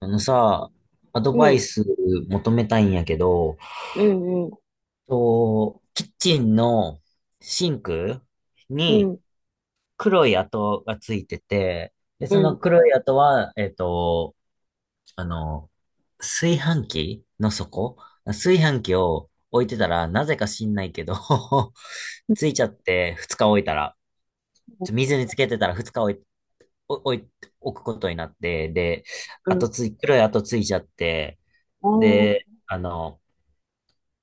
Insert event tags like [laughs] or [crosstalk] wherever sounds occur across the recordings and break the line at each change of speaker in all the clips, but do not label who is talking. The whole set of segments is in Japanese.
あのさ、アド
う
バイ
ん、
ス求めたいんやけど、
うん、うん、
キッチンのシンク
う
に
ん、
黒い跡がついてて、で、
う
その
ん、
黒い跡は、あの、炊飯器の底炊飯器を置いてたら、なぜか知んないけど [laughs] ついちゃって2日置いたら、水につけてたら2日置い、お置い、置くことになって、で、
うん、
跡つい、黒い跡ついちゃって、
あー、
で、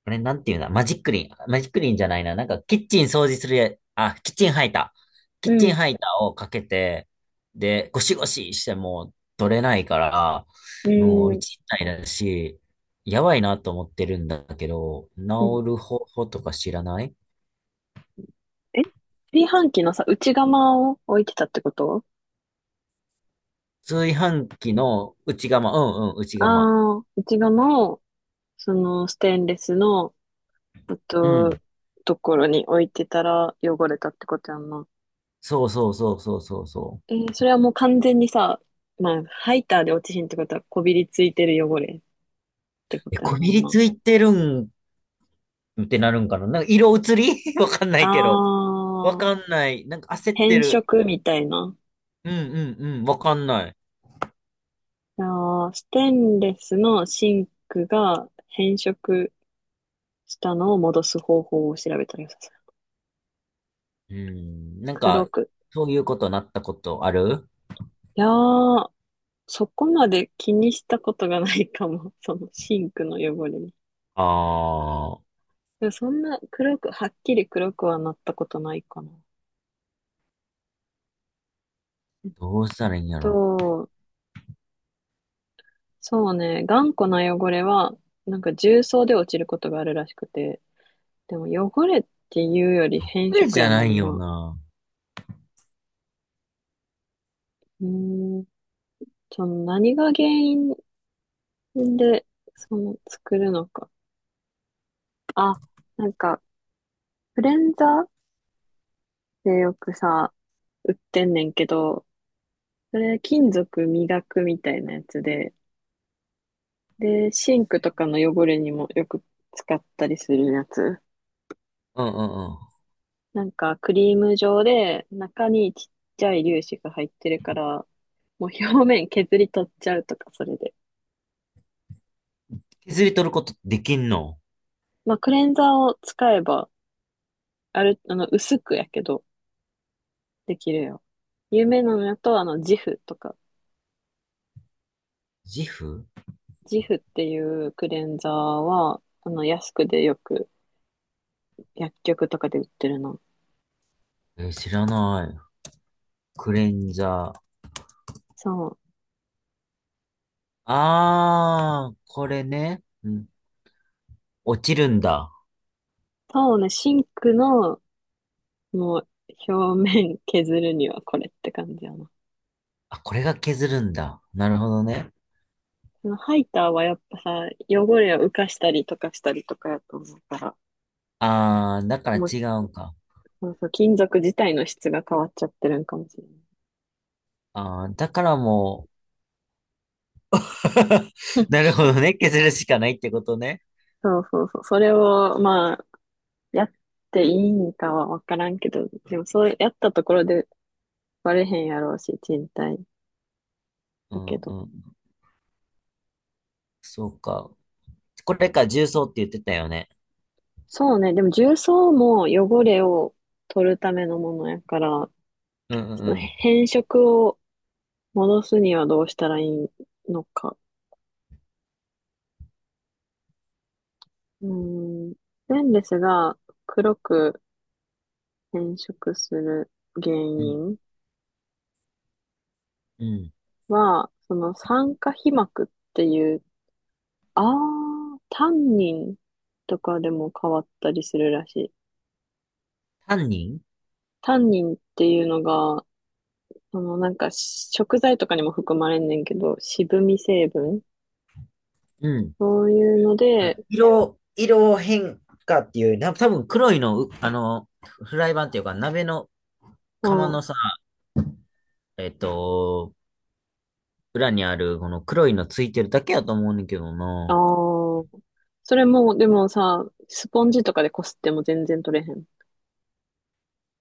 あれ、なんていうんだ、マジックリン。マジックリンじゃないな。なんか、キッチン掃除するや、あ、キッチンハイター。キ
う
ッチン
ん、
ハイターをかけて、で、ゴシゴシしても取れないから、
う
もう俺
ん、
ないだし、やばいなと思ってるんだけど、治
うん。
る方法とか知らない。
え、炊飯器のさ、内釜を置いてたってこと？
炊飯器の内釜、うんうん、内
あ
釜。
あー、内釜を、その、ステンレスの、えっ
うん。
と、ところに置いてたら汚れたってことやんな。
そうそうそうそうそうそ
それはもう完全にさ、まあ、ハイターで落ちひんってことは、こびりついてる汚れっ
う。
てこ
え、
とや
こ
も
び
ん
り
な。
ついてるんってなるんかな。なんか色移り [laughs] わかんな
あ
いけど。わか
あ、
んない。なんか焦って
変
る。
色みたいな。
うんうんうん、わかんない。
あー、ステンレスのシンクが変色したのを戻す方法を調べたらよさそう。
うん、なん
黒
か、
く。
そういうことなったことある？
いやー、そこまで気にしたことがないかも。[laughs] そのシンクの汚れに。
ああー、
でもそんな黒く、はっきり黒くはなったことないかな。えっ
どうしたらいいんやろ。
と、そうね、頑固な汚れは、なんか重曹で落ちることがあるらしくて、でも汚れっていうより変
これ
色
じゃ
や
な
も
い
ん
よ
な。
な。
うーん、その何が原因んで、その、作るのか。あ、なんか、クレンザーでよくさ、売ってんねんけど、それ金属磨くみたいなやつで、で、シンクとかの汚れにもよく使ったりするやつ。
うんうんうん。
なんか、クリーム状で、中にちっちゃい粒子が入ってるから、もう表面削り取っちゃうとか、それで。
削り取ることできんの？
まあ、クレンザーを使えば、ある、あの、薄くやけど、できるよ。有名なのやと、ジフとか。
ジフ？
ジフっていうクレンザーは、安くでよく薬局とかで売ってるの。
えー、知らない。クレンザー。
そう。
ああ、これね。うん。落ちるんだ。
そうね、シンクの、もう、表面削るにはこれって感じやな。
あ、これが削るんだ。なるほどね。
そのハイターはやっぱさ、汚れを浮かしたりとかしたりとかやと思うから、
ああ、だから
もう、
違うんか。
そうそう、金属自体の質が変わっちゃってるんかもしれない。
ああ、だからも
うん、
う、[laughs] なるほどね。削るしかないってことね。
そうそうそう。それを、まあ、やっていいんかはわからんけど、でもそうやったところでバレへんやろうし、賃貸
う
だ
ん
けど。
うん。そうか。これか、重曹って言ってたよね。
そうね。でも重曹も汚れを取るためのものやから、
うん
そ
う
の
ん
変色を戻すにはどうしたらいいのか。うーん。レンレスが黒く変色する原
うん。うん。
因
うん。
は、その酸化皮膜っていう、タンニンとかでも変わったりするらしい。
タンニン。
タンニンっていうのが、そのなんか食材とかにも含まれんねんけど、渋み成分
うん。
そういうの
は
で、
い。色変化っていう、な、多分黒いの、あの、フライパンっていうか、鍋の
う
釜
ん。
のさ、えっと、裏にある、この黒いのついてるだけやと思うねんけど
あ
な。
あ。それも、でもさ、スポンジとかでこすっても全然取れへん。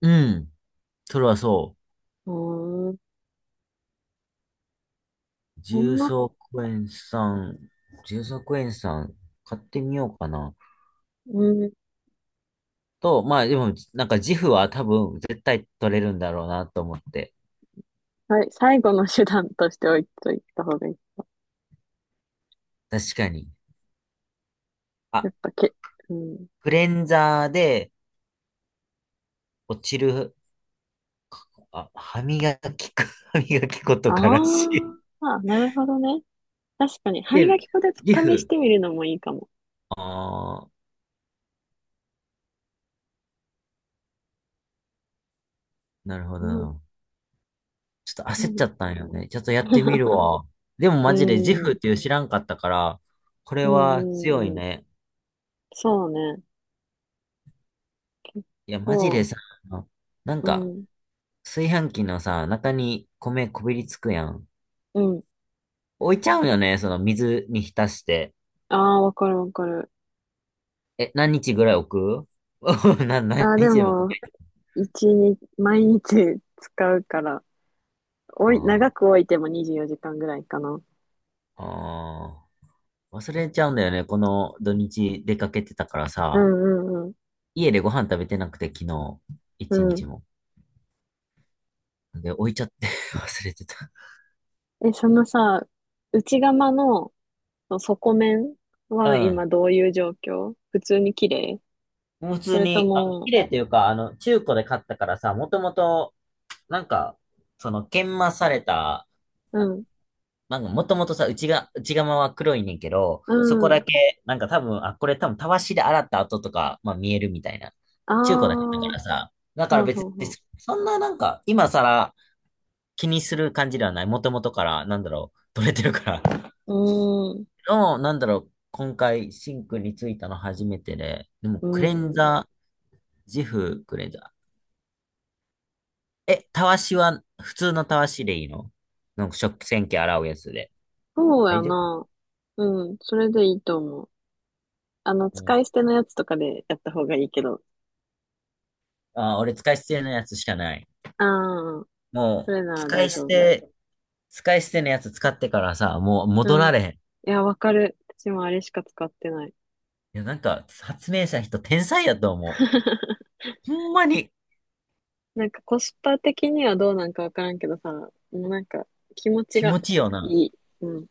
うん。それはそ
うーん。
う。
そんなこ、
重曹クエン酸、買ってみようかな。
うん。
まあでも、なんか自負は多分絶対取れるんだろうなと思って。
はい、最後の手段として置いといた方がいい。
確かに。
や
あ、
っぱけ、うん。
クレンザーで落ちる、あ、歯磨き粉、[laughs] 歯磨き粉とからし
あ
い。
あ、なるほどね。確かに、歯
で、
磨き粉で
リ
試し
フ。
てみるのもいいかも。
ああ、なるほ
うん。
ど。ちょっと焦っちゃ
何か
ったんよ
な。
ね。ちょっとやってみる
[laughs]
わ。でも
う
マジでジフっ
ん。
ていう知らんかったから、これ
うんう
は強い
んうん。
ね。
そうね。結
いや、マジ
構、
でさ、なん
う
か、
ん。
炊飯器のさ、中に米こびりつくやん。
うん。
置いちゃうよね、その水に浸して。
ああ、わかるわかる。
え、何日ぐらい置く？ [laughs] な、何
ああ、で
日でも置く
も、
ね。
一日、毎日使うから、
あ
長
あ。
く置いても24時間ぐらいかな。
ああ、忘れちゃうんだよね。この土日出かけてたから
う
さ、
んうん
家でご飯食べてなくて、昨日、
う
一
ん。うん。
日も。で、置いちゃって [laughs] 忘れてた。
え、そのさ、内釜のその底面
う
は今
ん。
どういう状況？普通に綺麗？
普
そ
通
れと
に、あ、綺
も、
麗というか、中古で買ったからさ、もともと、なんか、その、研磨された、
う
あ
ん、
なんか、もともとさ、内側は黒いねんけど、
う
そこだ
ん。
け、なんか多分、あ、これ多分、たわしで洗った跡とか、まあ見えるみたいな。
あ
中古だけだか
あ、
らさ、だから
ほう
別
ほう
に、
ほ
そんななんか、今更、気にする感じではない。もともとから、なんだろう、取れてるから。[laughs]
う。うーん、
の、なんだろう、今回、シンクについたの初めてで、でも、
う
クレン
ん。
ザー、ジフクレンザー。え、たわしは、普通のたわしでいいの？なんか食洗機洗うやつで。
そうや
大丈夫、
な。うん、それでいいと思う。
うん、
使い捨てのやつとかでやった方がいいけど。
俺使い捨てのやつしかない。
ああ、そ
もう、
れなら大丈夫。
使い捨てのやつ使ってからさ、もう戻
う
ら
ん。
れへん。い
いや、わかる。私もあれしか使ってない。
や、なんか、発明した人天才やと思
[laughs]
う。ほんまに
なんかコスパ的にはどうなんかわからんけどさ、もうなんか気持ち
気
が
持ちいいよな。
いい。うん。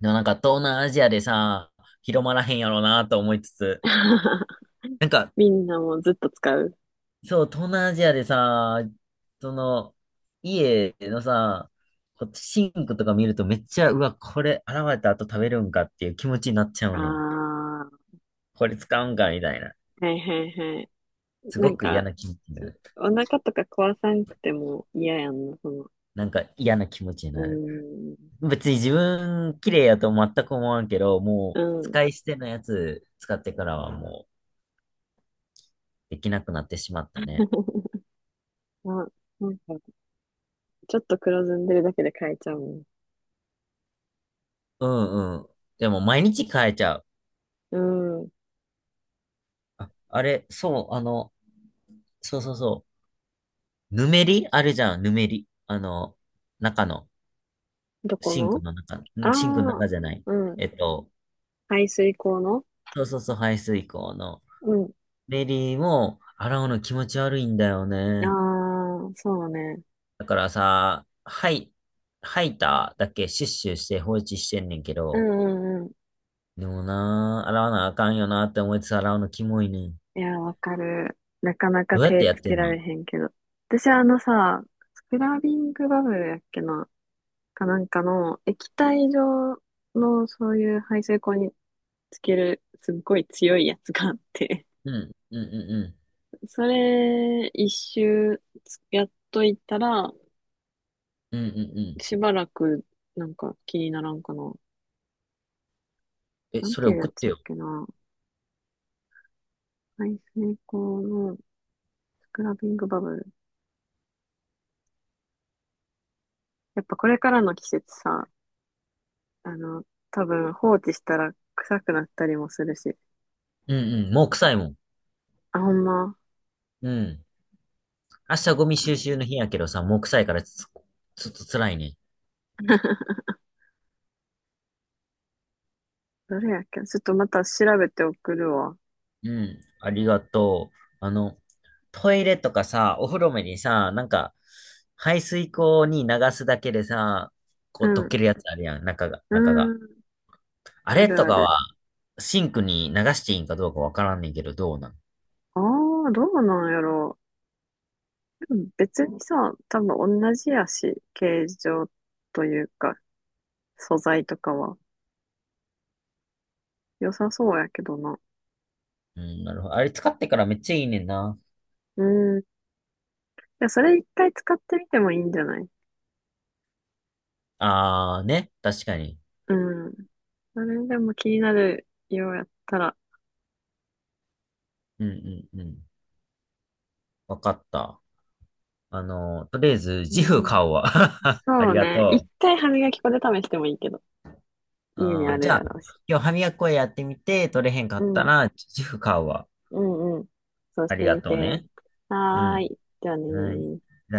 でもなんか東南アジアでさ、広まらへんやろうなと思いつつ、
[laughs]
なんか、
みんなもずっと使う。
そう、東南アジアでさ、その、家のさ、こうシンクとか見るとめっちゃ、うわ、これ洗われた後食べるんかっていう気持ちになっちゃうねん。
あ
これ使うんかみたいな。
あ、はいはいはい。
す
な
ご
ん
く嫌
か、
な気持ちになる。
お腹とか壊さんくても嫌やんな、その。
なんか嫌な気持ちに
う
なる。
ーん。
別に自分綺麗やと全く思わんけど、もう
うん。
使い捨てのやつ使ってからはもうできなくなってしまったね。
[laughs] あ、なんか、ちょっと黒ずんでるだけで変えちゃうもん。
うんうん。でも毎日変えちゃう。
うん。
あ、あれ、そう、そうそうそう。ぬめりあるじゃん、ぬめり。あの、中の、
どこ
シンク
の？
の中、
あ
シンクの
あー、
中じゃない。
うん。
えっと、
排水口の、
そうそうそう、排水口の。
うん、
ぬめりも、洗うの気持ち悪いんだよ
あ
ね。
あ、そうね。
だからさ、はい、吐いただけシュッシュして放置してんねんけ
う
ど、
んうんうん。
でもな、洗わなあかんよなって思いつつ洗うのキモいねん。
いや、わかる。なかなか
どうやって
手
やっ
つ
て
け
んの？
られへんけど。私あのさ、スクラビングバブルやっけな、かなんかの液体状のそういう排水口につけるすっごい強いやつがあって、
うん、うん、うん、
それ一周やっといたら、
うん、うん、うん、うん。
しばらくなんか気にならんかな。
え、
なん
それ
ていうや
送っ
つ
て
やっ
よ。
けな。排水口のスクラビングバブル。やっぱこれからの季節さ、あの、多分放置したら臭くなったりもするし。
うん、うん、もう臭いもん。
あ、ほんま。
うん。明日ゴミ収集の日やけどさ、もう臭いからちょっと辛いね。
どれやっけ？ちょっとまた調べて送るわ。
うん。ありがとう。あの、トイレとかさ、お風呂目にさ、なんか、排水口に流すだけでさ、こ
う
う溶
ん。
けるやつあるやん、
う
中が。
ん。
あ
あ
れ
る
と
あ
か
る。
は、シンクに流していいんかどうかわからんねんけど、どうなん？
ああ、どうなんやろう。でも別にさ、多分同じやし、形状というか、素材とかは。良さそうやけどな。
うん、なるほど。あれ使ってからめっちゃいいねんな。
うん。いや、それ一回使ってみてもいいんじゃない？
あーね、確かに。
うん。それでも気になるようやったら。
うんうんうん。わかった。あの、とりあえず、
う
ジフ
ん。
買おうわ。[laughs] あ
そ
り
う
が
ね。
と
一
う。
回歯磨き粉で試してもいいけど。家に
あ
あ
ー
る
じゃ
や
あ、
ろうし。
今日歯磨き粉やってみて、取れへんか
う
った
ん、
ら、自負買うわ。
うん、うん。そうし
あり
て
が
み
とう
て。
ね。う
はー
ん。
い。じゃあね
はい。
ー。
じゃあね。